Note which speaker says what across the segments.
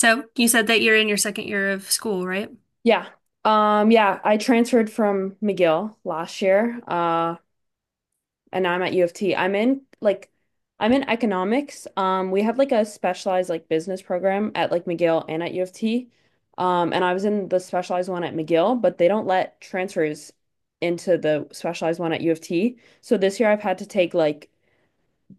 Speaker 1: So you said that you're in your second year of school, right?
Speaker 2: Yeah. Yeah, I transferred from McGill last year, and now I'm at U of T. I'm in economics. We have like a specialized like business program at like McGill and at U of T. And I was in the specialized one at McGill, but they don't let transfers into the specialized one at U of T. So this year I've had to take like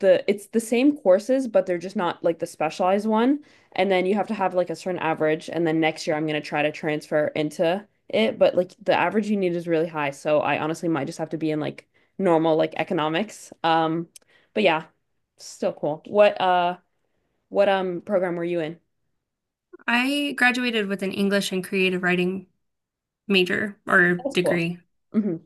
Speaker 2: the it's the same courses, but they're just not like the specialized one. And then you have to have like a certain average. And then next year I'm gonna try to transfer into it. But like the average you need is really high. So I honestly might just have to be in like normal like economics. But yeah, still cool. What program were you in?
Speaker 1: I graduated with an English and creative writing major or
Speaker 2: That's cool.
Speaker 1: degree.
Speaker 2: hmm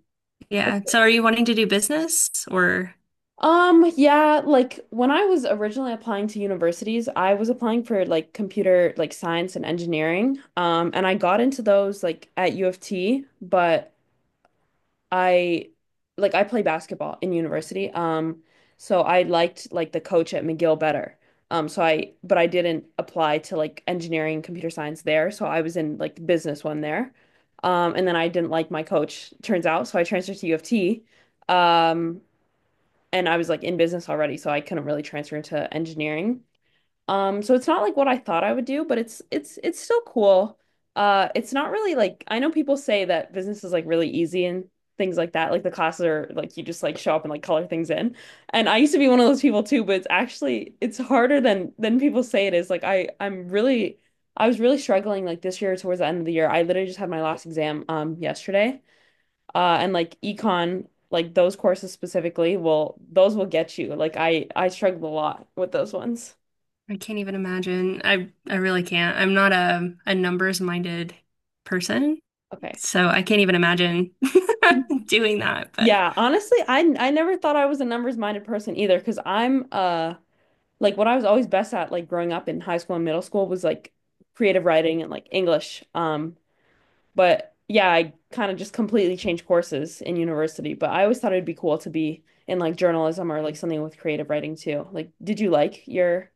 Speaker 2: That's
Speaker 1: Yeah.
Speaker 2: cool.
Speaker 1: So are you wanting to do business or
Speaker 2: Yeah, like when I was originally applying to universities, I was applying for like computer, like science and engineering. And I got into those like at U of T, but I I play basketball in university. So I liked like the coach at McGill better. So I But I didn't apply to like engineering, computer science there, so I was in like the business one there. And then I didn't like my coach, turns out, so I transferred to U of T. Um, and I was like in business already, so I couldn't really transfer into engineering. So it's not like what I thought I would do, but it's still cool. It's not really like I know people say that business is like really easy and things like that. Like the classes are like you just like show up and like color things in. And I used to be one of those people too, but it's actually it's harder than people say it is. I was really struggling like this year towards the end of the year. I literally just had my last exam yesterday and like econ like those courses specifically will those will get you like I struggled a lot with those ones.
Speaker 1: I can't even imagine. I really can't. I'm not a numbers minded person,
Speaker 2: Okay.
Speaker 1: so I can't even imagine doing that, but
Speaker 2: Yeah, honestly I never thought I was a numbers minded person either because I'm like what I was always best at like growing up in high school and middle school was like creative writing and like English, but yeah, I kind of just completely changed courses in university, but I always thought it'd be cool to be in like journalism or like something with creative writing too. Like did you like your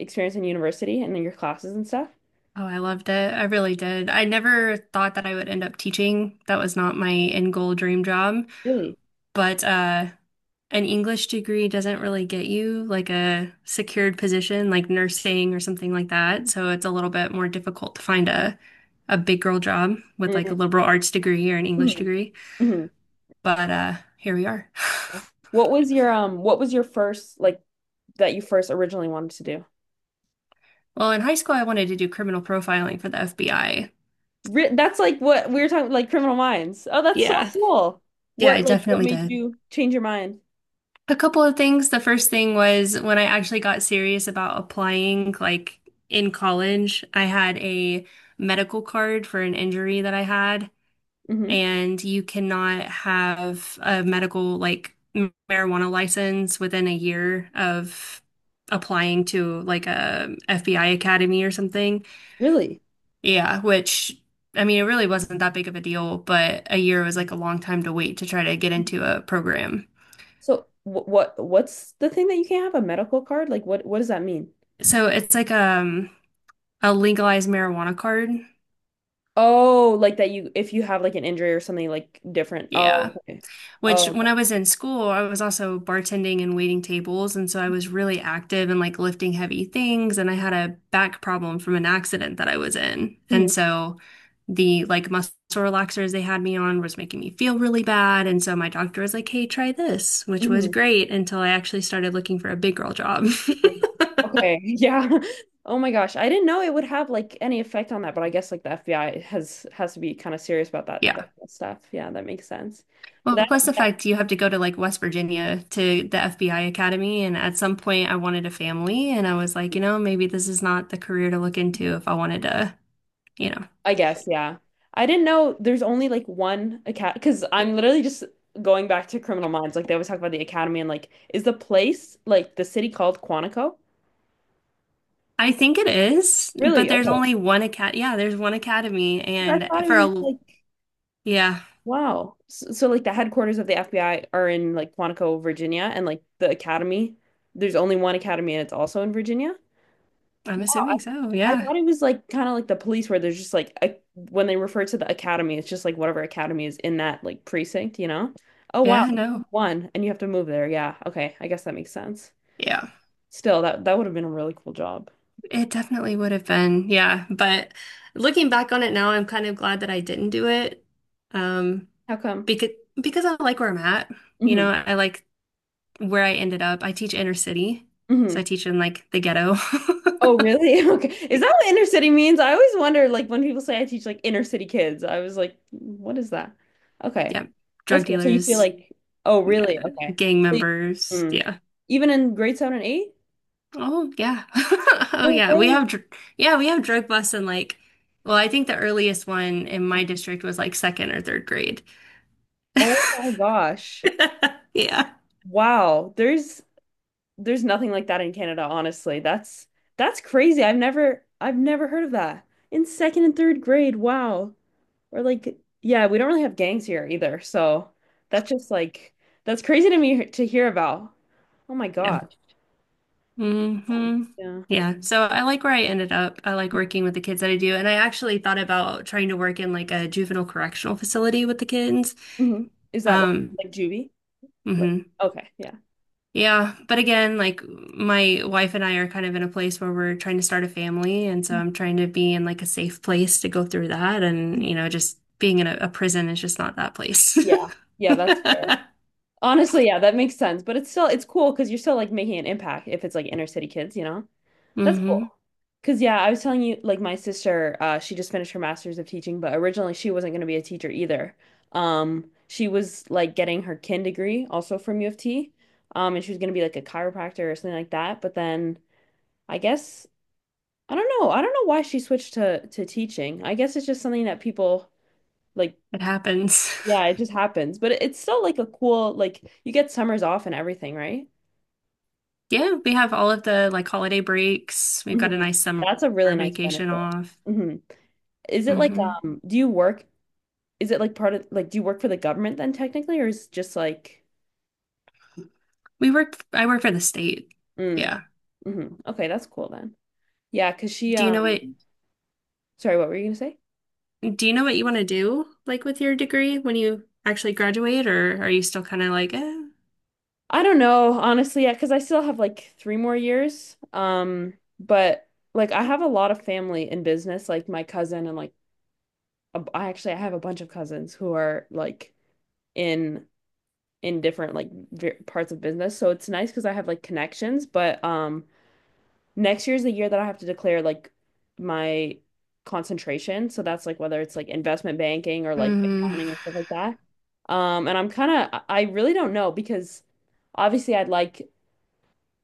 Speaker 2: experience in university and in your classes and stuff?
Speaker 1: oh, I loved it. I really did. I never thought that I would end up teaching. That was not my end goal dream job.
Speaker 2: Really?
Speaker 1: But an English degree doesn't really get you like a secured position like nursing or something like that. So it's a little bit more difficult to find a big girl job with like a
Speaker 2: Mhm.
Speaker 1: liberal arts degree or an English
Speaker 2: Mhm.
Speaker 1: degree.
Speaker 2: Mhm.
Speaker 1: But here we are.
Speaker 2: What was your first like that you first originally wanted to do?
Speaker 1: Well, in high school I wanted to do criminal profiling for the FBI.
Speaker 2: Ri That's like what we were talking, like Criminal Minds. Oh, that's so
Speaker 1: Yeah.
Speaker 2: cool.
Speaker 1: Yeah, I
Speaker 2: What
Speaker 1: definitely
Speaker 2: made
Speaker 1: did.
Speaker 2: you change your mind?
Speaker 1: A couple of things. The first thing was when I actually got serious about applying, like in college, I had a medical card for an injury that I had.
Speaker 2: Hmm.
Speaker 1: And you cannot have a medical marijuana license within a year of applying to like a FBI academy or something.
Speaker 2: Really?
Speaker 1: Yeah, which I mean, it really wasn't that big of a deal, but a year was like a long time to wait to try to get into a program.
Speaker 2: So wh what's the thing that you can't have a medical card? Like what does that mean?
Speaker 1: So it's like a legalized marijuana card.
Speaker 2: Oh, like that you if you have like an injury or something like different.
Speaker 1: Yeah.
Speaker 2: Oh, okay.
Speaker 1: Which,
Speaker 2: Oh, okay.
Speaker 1: when I was in school, I was also bartending and waiting tables. And so I was really active and like lifting heavy things. And I had a back problem from an accident that I was in. And
Speaker 2: Mhm.
Speaker 1: so the like muscle relaxers they had me on was making me feel really bad. And so my doctor was like, hey, try this, which was
Speaker 2: Mhm.
Speaker 1: great until I actually started looking for a big girl job.
Speaker 2: Okay, yeah. Oh my gosh, I didn't know it would have like any effect on that, but I guess like the FBI has to be kind of serious about that
Speaker 1: Yeah.
Speaker 2: that stuff. Yeah, that makes sense.
Speaker 1: Well,
Speaker 2: That,
Speaker 1: plus the
Speaker 2: that,
Speaker 1: fact you have to go to like West Virginia to the FBI Academy. And at some point, I wanted a family. And I was like, you know, maybe this is not the career to look into if I wanted to, you know.
Speaker 2: I guess, yeah. I didn't know there's only like one academy because I'm literally just going back to Criminal Minds. Like they always talk about the academy, and like is the place, like the city called Quantico?
Speaker 1: I think it is, but
Speaker 2: Really?
Speaker 1: there's
Speaker 2: Okay.
Speaker 1: only one acad. Yeah, there's one academy.
Speaker 2: I
Speaker 1: And
Speaker 2: thought it
Speaker 1: for
Speaker 2: was
Speaker 1: a,
Speaker 2: like.
Speaker 1: yeah,
Speaker 2: Wow. So, like the headquarters of the FBI are in like Quantico, Virginia, and like the academy, there's only one academy and it's also in Virginia.
Speaker 1: I'm
Speaker 2: Wow. I,
Speaker 1: assuming so.
Speaker 2: I
Speaker 1: Yeah.
Speaker 2: thought it was like kind of like the police where there's just like a, when they refer to the academy, it's just like whatever academy is in that like precinct, you know? Oh wow.
Speaker 1: Yeah. No.
Speaker 2: One, and you have to move there. Yeah. Okay. I guess that makes sense.
Speaker 1: Yeah.
Speaker 2: Still, that would have been a really cool job.
Speaker 1: It definitely would have been. Yeah. But looking back on it now, I'm kind of glad that I didn't do it. Um,
Speaker 2: How come?
Speaker 1: because, because I like where I'm at. You
Speaker 2: Hmm.
Speaker 1: know, I like where I ended up, I teach inner city. So I
Speaker 2: Hmm.
Speaker 1: teach in like the ghetto.
Speaker 2: Oh, really? Okay. Is that what inner city means? I always wonder, like, when people say I teach like inner city kids, I was like, what is that? Okay.
Speaker 1: Yeah.
Speaker 2: That's
Speaker 1: Drug
Speaker 2: cool. So you feel
Speaker 1: dealers,
Speaker 2: like, oh, really?
Speaker 1: yeah,
Speaker 2: Okay.
Speaker 1: gang
Speaker 2: So you-
Speaker 1: members,
Speaker 2: mm.
Speaker 1: yeah.
Speaker 2: Even in grade seven and eight?
Speaker 1: Oh yeah. Oh
Speaker 2: No
Speaker 1: yeah. We
Speaker 2: way.
Speaker 1: have dr yeah, we have drug busts in like well, I think the earliest one in my district was like second or third grade.
Speaker 2: Oh my gosh.
Speaker 1: Yeah.
Speaker 2: Wow. There's nothing like that in Canada, honestly. That's crazy. I've never heard of that. In second and third grade. Wow. Or like, yeah, we don't really have gangs here either. So that's just like that's crazy to me to hear about. Oh my
Speaker 1: Yeah.
Speaker 2: gosh. Yeah.
Speaker 1: Hmm.
Speaker 2: Yeah.
Speaker 1: Yeah. So I like where I ended up. I like working with the kids that I do. And I actually thought about trying to work in like a juvenile correctional facility with the kids.
Speaker 2: Mhm. Is that like
Speaker 1: Um,
Speaker 2: juvie? Like,
Speaker 1: hmm
Speaker 2: okay, yeah.
Speaker 1: Yeah, but again, like my wife and I are kind of in a place where we're trying to start a family, and so I'm trying to be in like a safe place to go through that, and
Speaker 2: Mhm.
Speaker 1: you know, just being in a prison is just not that place.
Speaker 2: Yeah. Yeah, that's fair. Honestly, yeah, that makes sense. But it's cool because you're still like making an impact if it's like inner city kids, you know? That's
Speaker 1: Hmm.
Speaker 2: cool. Because, yeah, I was telling you, like, my sister, she just finished her master's of teaching, but originally she wasn't going to be a teacher either. She was like getting her kin degree also from U of T. And she was going to be like a chiropractor or something like that. But then I guess, I don't know. I don't know why she switched to teaching. I guess it's just something that people like,
Speaker 1: It happens.
Speaker 2: yeah, it just happens. But it's still like a cool, like, you get summers off and everything, right?
Speaker 1: Yeah, we have all of the like holiday breaks. We've got a
Speaker 2: Mhm.
Speaker 1: nice summer
Speaker 2: That's a really nice
Speaker 1: vacation
Speaker 2: benefit.
Speaker 1: off.
Speaker 2: Hmm. Is it like,
Speaker 1: Hmm.
Speaker 2: do you work is it like part of like do you work for the government then technically, or is it just like
Speaker 1: We work. I work for the state.
Speaker 2: mm,
Speaker 1: Yeah.
Speaker 2: okay, that's cool then. Yeah, because she,
Speaker 1: Do you know what?
Speaker 2: sorry, what were you gonna say?
Speaker 1: Do you know what you want to do, like with your degree when you actually graduate, or are you still kind of like, eh?
Speaker 2: I don't know, honestly, yeah, because I still have like 3 more years. But like I have a lot of family in business, like my cousin and like I have a bunch of cousins who are like in different like ver parts of business. So it's nice because I have like connections, but next year is the year that I have to declare like my concentration. So that's like whether it's like investment banking or like
Speaker 1: Mm,
Speaker 2: accounting and stuff like that. And I'm kind of, I really don't know because obviously I'd like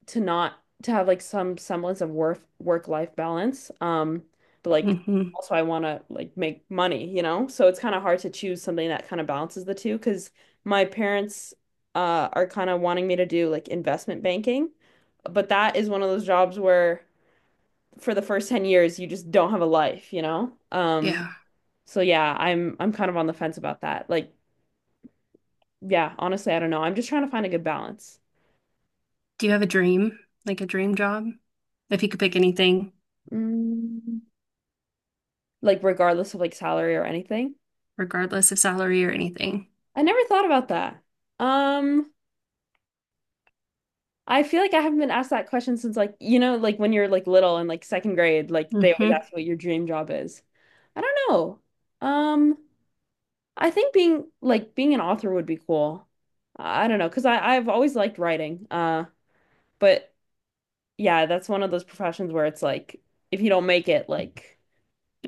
Speaker 2: to not to have like some semblance of work life balance. But like
Speaker 1: hmm,
Speaker 2: also I want to like make money, you know? So it's kind of hard to choose something that kind of balances the two because my parents, are kind of wanting me to do like investment banking, but that is one of those jobs where for the first 10 years you just don't have a life, you know?
Speaker 1: yeah.
Speaker 2: So yeah, I'm kind of on the fence about that. Like, yeah, honestly, I don't know. I'm just trying to find a good balance.
Speaker 1: Do you have a dream, like a dream job? If you could pick anything,
Speaker 2: Mm, like regardless of like salary or anything.
Speaker 1: regardless of salary or anything.
Speaker 2: I never thought about that. Um, I feel like I haven't been asked that question since like, like when you're like little and like second grade, like they always
Speaker 1: Hmm.
Speaker 2: ask what your dream job is. I don't know. Um, I think being an author would be cool. I don't know, because I've always liked writing. But yeah, that's one of those professions where it's like if you don't make it, like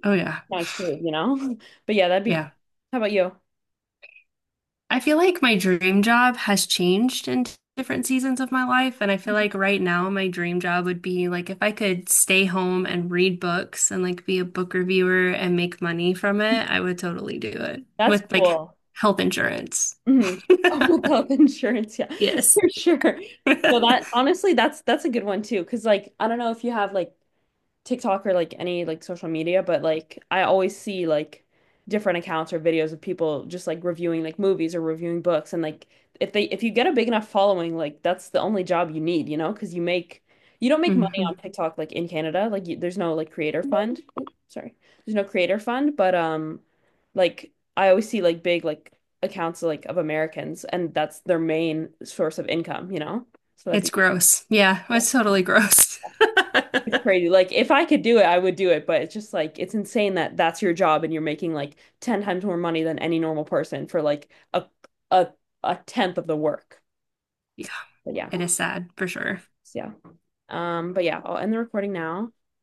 Speaker 1: Oh, yeah.
Speaker 2: kind of screwed, you know? But yeah, that'd be.
Speaker 1: Yeah.
Speaker 2: How about you?
Speaker 1: I feel like my dream job has changed in different seasons of my life. And I feel like right now my dream job would be like if I could stay home and read books and like be a book reviewer and make money from it, I would totally do it
Speaker 2: That's
Speaker 1: with like
Speaker 2: cool.
Speaker 1: health insurance.
Speaker 2: Hmm. Oh, health insurance, yeah,
Speaker 1: Yes.
Speaker 2: for sure. So that honestly, that's a good one too, because like I don't know if you have like TikTok or like any like social media, but like I always see like different accounts or videos of people just like reviewing like movies or reviewing books, and like if you get a big enough following, like that's the only job you need, you know, because you don't make money
Speaker 1: Hmm.
Speaker 2: on TikTok like in Canada, there's no like creator fund. Oop, sorry. There's no creator fund, but like I always see like big like accounts like of Americans, and that's their main source of income, you know? So that'd
Speaker 1: It's
Speaker 2: be
Speaker 1: gross. Yeah, it's totally gross.
Speaker 2: It's crazy. Like if I could do it, I would do it, but it's just like it's insane that that's your job and you're making like 10 times more money than any normal person for like a a tenth of the work.
Speaker 1: Yeah,
Speaker 2: But yeah.
Speaker 1: it is sad for sure.
Speaker 2: So, yeah. But yeah, I'll end the recording now.